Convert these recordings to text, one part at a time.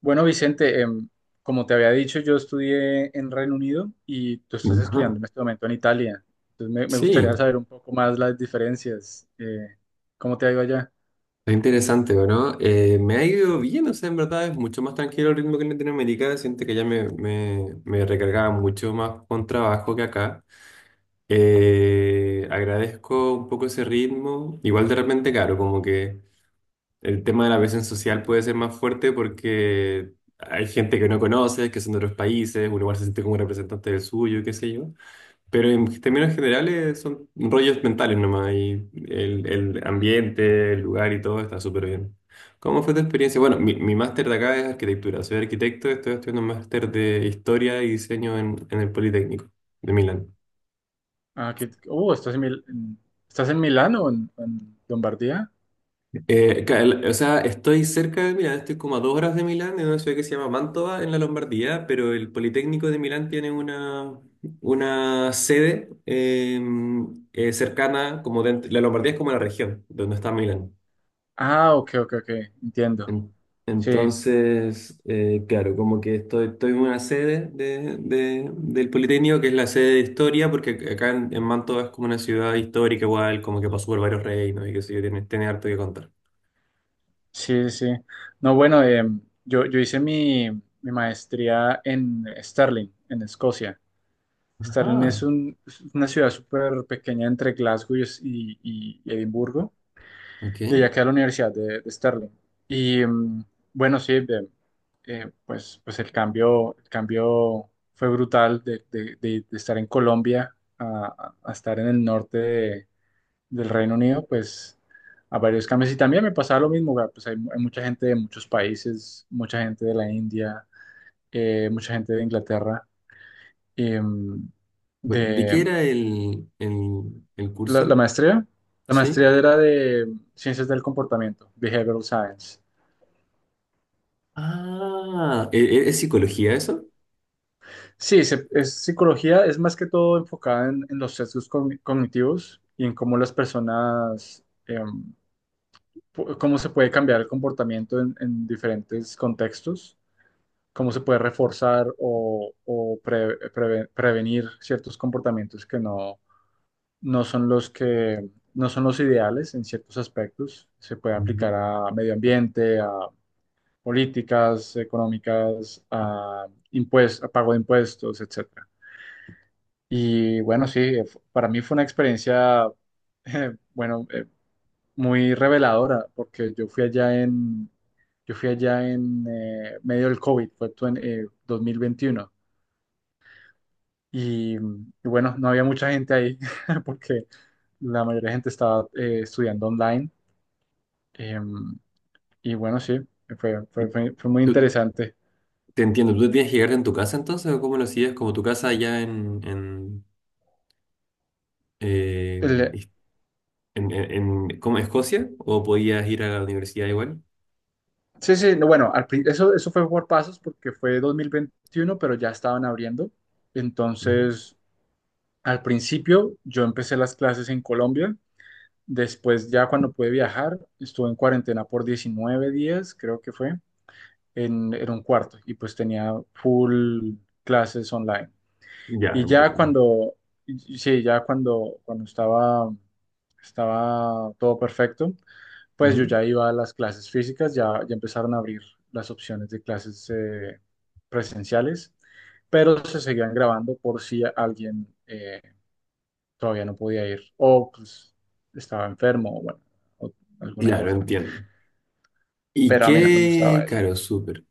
Bueno, Vicente, como te había dicho, yo estudié en Reino Unido y tú estás Ajá. estudiando en este momento en Italia. Entonces me Sí, gustaría saber un poco más las diferencias. ¿Cómo te ha ido allá? es interesante, ¿no? Me ha ido bien, o sea, en verdad es mucho más tranquilo el ritmo que en Latinoamérica. Siento que ya me recargaba mucho más con trabajo que acá. Agradezco un poco ese ritmo. Igual de repente, claro, como que el tema de la presión social puede ser más fuerte porque hay gente que no conoces, que son de otros países, uno igual se siente como representante del suyo, qué sé yo. Pero en términos generales son rollos mentales nomás y el ambiente, el lugar y todo está súper bien. ¿Cómo fue tu experiencia? Bueno, mi máster de acá es arquitectura, soy arquitecto, estoy estudiando un máster de historia y diseño en el Politécnico de Milán. Ah, que, oh, ¿estás en Milán o en Lombardía? O sea, estoy cerca de Milán, estoy como a dos horas de Milán, en una ciudad que se llama Mantova, en la Lombardía, pero el Politécnico de Milán tiene una sede cercana, la Lombardía es como la región donde está Milán. Ah, ok, ok, ok, entiendo. En- Sí, Entonces, claro, como que estoy, estoy en una sede de, del Politécnico, que es la sede de historia, porque acá en Mantua es como una ciudad histórica igual, como que pasó por varios reinos y qué sé yo, tiene, tiene harto que contar. sí, sí. No, bueno, yo hice mi maestría en Stirling, en Escocia. Ajá, Es una ciudad súper pequeña entre Glasgow y Edimburgo, ok. y allá queda la Universidad de Stirling. Y bueno, pues el cambio fue brutal de estar en Colombia a estar en el del Reino Unido, pues a varios cambios. Y también me pasaba lo mismo, güey, pues hay mucha gente de muchos países, mucha gente de la India, mucha gente de Inglaterra. em, ¿De qué de, era el La, la curso? maestría, la ¿Sí? maestría era de Ciencias del Comportamiento, Behavioral Science. Ah, ¿es psicología eso? Sí, es psicología, es más que todo enfocada en los sesgos cognitivos y en cómo las personas, cómo se puede cambiar el comportamiento en diferentes contextos, cómo se puede reforzar o prevenir ciertos comportamientos que no, no son los que no son los ideales en ciertos aspectos. Se puede aplicar Mm. a medio ambiente, políticas económicas, a a pago de impuestos, etcétera. Y bueno, sí, para mí fue una experiencia, eh, bueno, eh, muy reveladora, porque yo fui allá en medio del COVID, fue tu- en 2021, y, y bueno, no había mucha gente ahí, porque la mayoría de gente estaba estudiando online, em, y bueno, sí, Y fue muy tú- interesante. te entiendo, ¿tú tenías que llegar en tu casa entonces o cómo lo hacías? Como tu casa allá eh, El- en, en, ¿cómo? ¿Escocia o podías ir a la universidad igual? Sí, sí, no, bueno, eso, eso fue por pasos porque fue 2021, pero ya estaban abriendo. Ujú. Entonces, al principio yo empecé las clases en Colombia, después ya cuando pude viajar, estuve en cuarentena por 19 días, creo que fue, en un cuarto y pues tenía full clases online. Ya, Y ya entiendo. Sí, ya cuando estaba todo perfecto, pues yo Ujú. ya iba a las clases físicas, ya empezaron a abrir las opciones de clases presenciales, pero se seguían grabando por si alguien todavía no podía ir o pues, estaba enfermo o bueno, o alguna Claro, cosa. entiendo. ¿Y Pero a mí no me gustaba qué? eso. Claro, súper.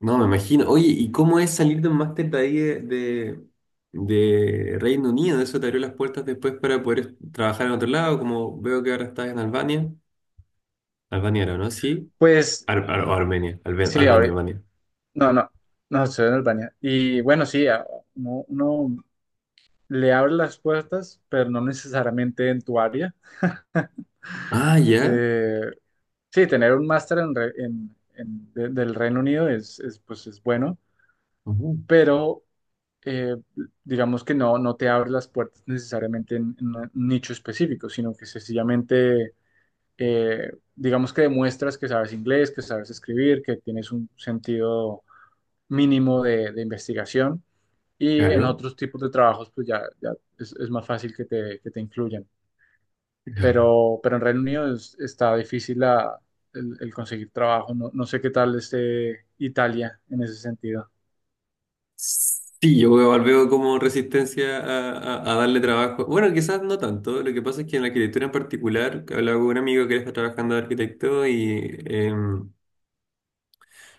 No, me imagino. Oye, ¿y cómo es salir de un máster de ahí de Reino Unido? ¿Eso te abrió las puertas después para poder trabajar en otro lado? Como veo que ahora estás en Albania. Albania era, ¿no? Sí. Pues ¿O Armenia? Sí, Albania, ahorita, Albania. no, no, no, estoy en Albania. Y bueno, sí, uno, uno le abre las puertas, pero no necesariamente en tu área. Ah, ya. Eh, Sí, tener un máster en re- en- de- del Reino Unido es, pues, es bueno, Ujú. pero eh, digamos que no, no te abre las puertas necesariamente en un nicho específico, sino que sencillamente, digamos que demuestras que sabes inglés, que sabes escribir, que tienes un sentido mínimo de investigación y en Claro, otros tipos de trabajos pues ya, ya es más fácil que que te incluyan claro. Pero en Reino Unido está difícil el conseguir trabajo. No, no sé qué tal esté Italia en ese sentido. Sí, yo veo como resistencia a, a darle trabajo. Bueno, quizás no tanto. Lo que pasa es que en la arquitectura en particular, que hablaba con un amigo que él está trabajando de arquitecto y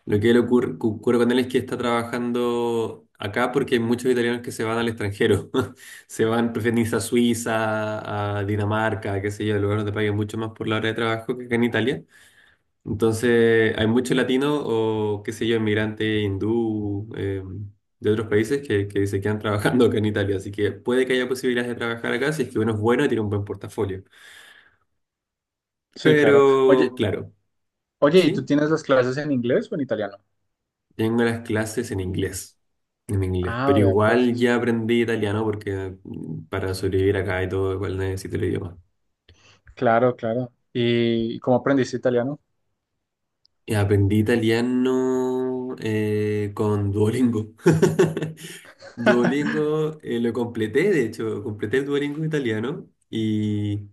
lo que le ocurre, ocurre con él es que está trabajando acá porque hay muchos italianos que se van al extranjero. Se van, prefieren irse a Suiza, a Dinamarca, qué sé yo, lugares donde paguen mucho más por la hora de trabajo que acá en Italia. Entonces, hay muchos latinos o, qué sé yo, inmigrantes hindú de otros países que se quedan trabajando acá en Italia. Así que puede que haya posibilidades de trabajar acá si es que uno es bueno y tiene un buen portafolio. Sí, claro. Pero, Oye, claro, oye, ¿y tú sí, tienes las clases en inglés o en italiano? tengo las clases en inglés. En inglés. Ah, Pero vea, pues, igual ya aprendí italiano porque mm, para sobrevivir acá y todo, igual necesito el idioma. claro, claro. ¿Y cómo aprendiste italiano? Aprendí italiano con Duolingo. Duolingo lo completé, de hecho, completé el Duolingo italiano y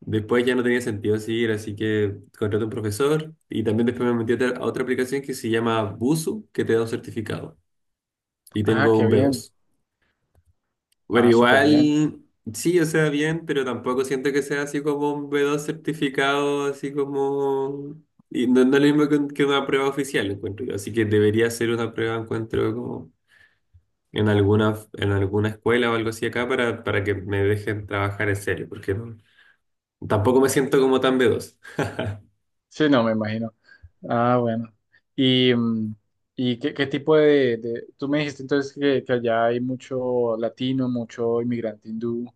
después ya no tenía sentido seguir, así que contraté un profesor y también después me metí a otra aplicación que se llama Busu, que te da un certificado y Ah, tengo qué un b bien. dos pero Ah, súper bien. igual, sí, o sea, bien, pero tampoco siento que sea así como un B2 certificado, así como... Y no, no es lo mismo que, que una prueba oficial, encuentro yo. Así que debería ser una prueba, encuentro, como en alguna escuela o algo así acá para que me dejen trabajar en serio, porque tampoco me siento como tan B2. Sí, no, me imagino. Ah, bueno. ¿Y, y qué, qué tipo Tú me dijiste entonces que allá hay mucho latino, mucho inmigrante hindú.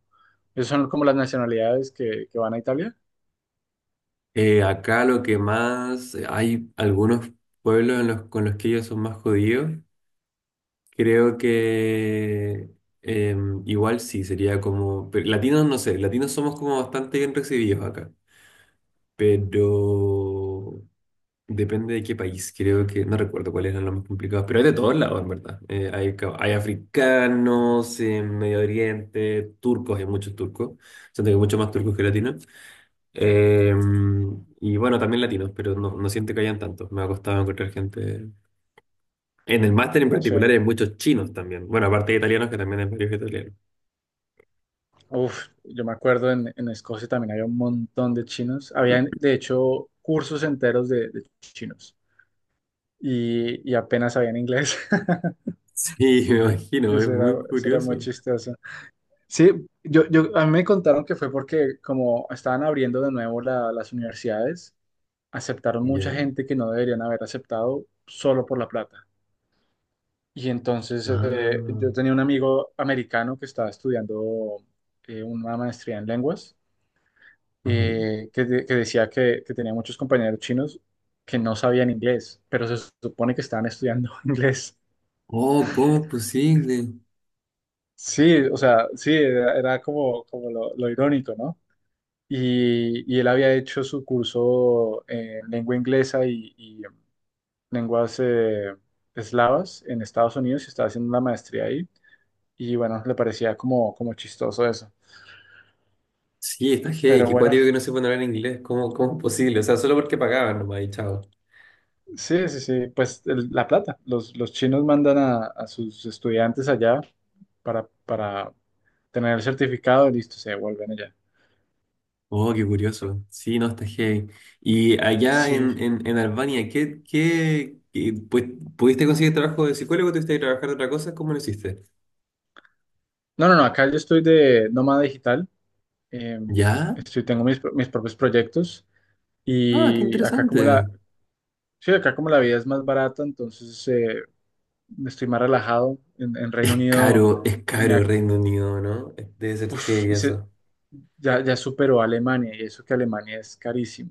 ¿Esas son como las nacionalidades que van a Italia? Acá lo que más... Hay algunos pueblos en los, con los que ellos son más jodidos. Creo que igual sí, sería como... Pero latinos no sé, latinos somos como bastante bien recibidos acá, pero depende de qué país, creo que no recuerdo cuáles eran los más complicados, pero hay de todos lados, en verdad. Hay, hay africanos, en Medio Oriente, turcos, hay muchos turcos, siento que hay muchos más turcos que latinos. Y bueno, también latinos, pero no, no siento que hayan tantos, me ha costado encontrar gente en el máster en Sí. particular hay muchos chinos también. Bueno, aparte de italianos, que también hay varios italianos. Uf, yo me acuerdo en Escocia también había un montón de chinos. Habían, de hecho, cursos enteros de chinos y apenas sabían inglés. Sí, me imagino, es muy eso era muy curioso. chistoso. Sí, a mí me contaron que fue porque como estaban abriendo de nuevo las universidades, aceptaron mucha Ya. gente que no deberían haber aceptado solo por la plata. Y entonces Ah, yo tenía un amigo americano que estaba estudiando una maestría en lenguas, ajá. Que decía que tenía muchos compañeros chinos que no sabían inglés, pero se supone que estaban estudiando inglés. Oh, ¿cómo es posible? Sí, o sea, sí, era, era como, como lo irónico, ¿no? Y él había hecho su curso en lengua inglesa y lenguas eslavas en Estados Unidos y estaba haciendo una maestría ahí. Y bueno, le parecía como, como chistoso eso. Sí, está heavy, Pero qué bueno, cuático que no se pueden hablar inglés. ¿Cómo, cómo es posible? O sea, solo porque pagaban nomás y chao. sí, sí, sí, pues la plata. Los chinos mandan a sus estudiantes allá para tener el certificado y listo, se devuelven allá. Oh, qué curioso. Sí, no, está heavy. Y allá Sí. En Albania, pues, ¿pudiste conseguir trabajo de psicólogo? ¿Tuviste que trabajar de otra cosa? ¿Cómo lo hiciste? No, no, no, acá yo estoy de nómada digital. eh, ¿Ya? estoy, tengo mis propios proyectos Ah, qué y acá interesante. como sí, acá como la vida es más barata, entonces estoy más relajado. En Reino Unido Es tenía, caro Reino Unido, ¿no? Debe ser uf, heavy eso. ya, ya superó a Alemania, y eso que Alemania es carísimo.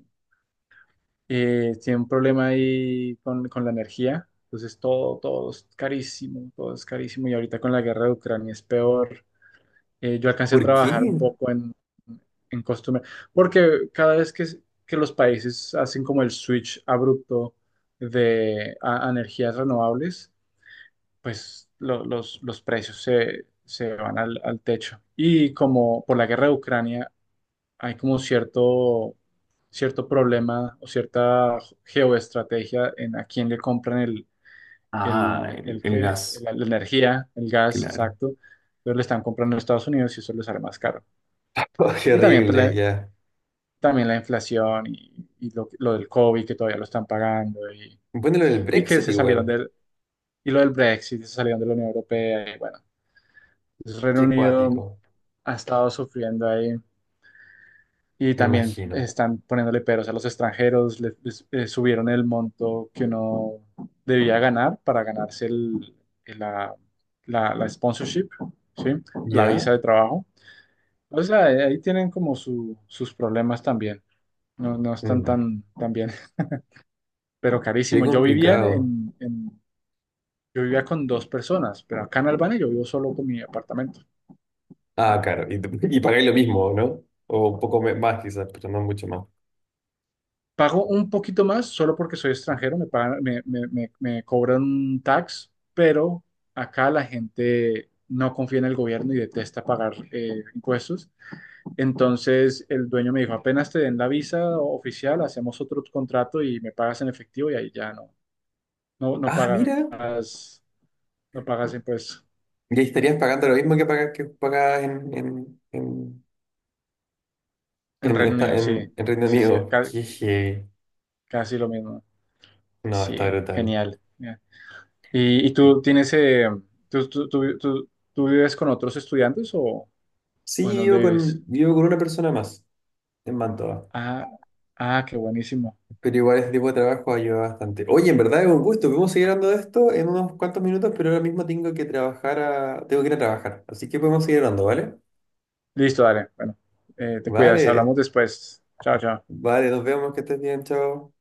Tiene un problema ahí con la energía, entonces todo, todo es carísimo, y ahorita con la guerra de Ucrania es peor. Yo alcancé a ¿Por trabajar qué? un poco en costumbre, porque cada vez que los países hacen como el switch abrupto a energías renovables, pues los precios se van al techo. Y como por la guerra de Ucrania hay como cierto, cierto problema o cierta geoestrategia en a quién le compran Ah, el gas, la energía, el gas, claro. exacto. Entonces le están comprando a Estados Unidos y eso les sale más caro. Oh, qué Y también, pues, horrible, ya. también la inflación y lo del COVID que todavía lo están pagando Bueno, lo del y que Brexit se salieron igual. del... Y lo del Brexit, se salieron de la Unión Europea, y bueno, entonces, Reino Qué Unido cuático, ha estado sufriendo ahí y me también imagino. están poniéndole peros a los extranjeros, subieron el monto que uno debía ganar para ganarse el- la, la sponsorship, ¿sí? La ¿Ya? visa de trabajo. O sea, ahí tienen como sus problemas también. No, no están Mm, tan, tan bien, pero qué carísimo. Yo vivía complicado. En- yo vivía con dos personas, pero acá en Albania yo vivo solo con mi apartamento. Ah, claro. Y y pagáis lo mismo, ¿no? O un poco más quizás, pero no mucho más. Pago un poquito más solo porque soy extranjero, me pagan- me- me- me cobran un tax, pero acá la gente no confía en el gobierno y detesta pagar impuestos. Entonces el dueño me dijo, apenas te den la visa oficial, hacemos otro contrato y me pagas en efectivo y ahí ya no Ah, mira. pagas, no pagas impuestos. Y ahí estarías pagando lo mismo que pagas En Reino Unido, sí, en Reino sí, sí, Unido. Qué heavy. casi lo mismo. No, Sí, está brutal. genial. Y tú tienes, tú vives con otros estudiantes o Sí, en dónde vives? Vivo con una persona más en Mantoa, Ah, ah, qué buenísimo. pero igual ese tipo de trabajo ayuda bastante. Oye, en verdad es un gusto, podemos seguir hablando de esto en unos cuantos minutos, pero ahora mismo tengo que trabajar tengo que ir a trabajar, así que podemos seguir hablando, ¿vale? Listo, dale. Bueno, te cuidas, hablamos Vale, después. Chao, chao. vale, nos vemos, que estés bien, chao.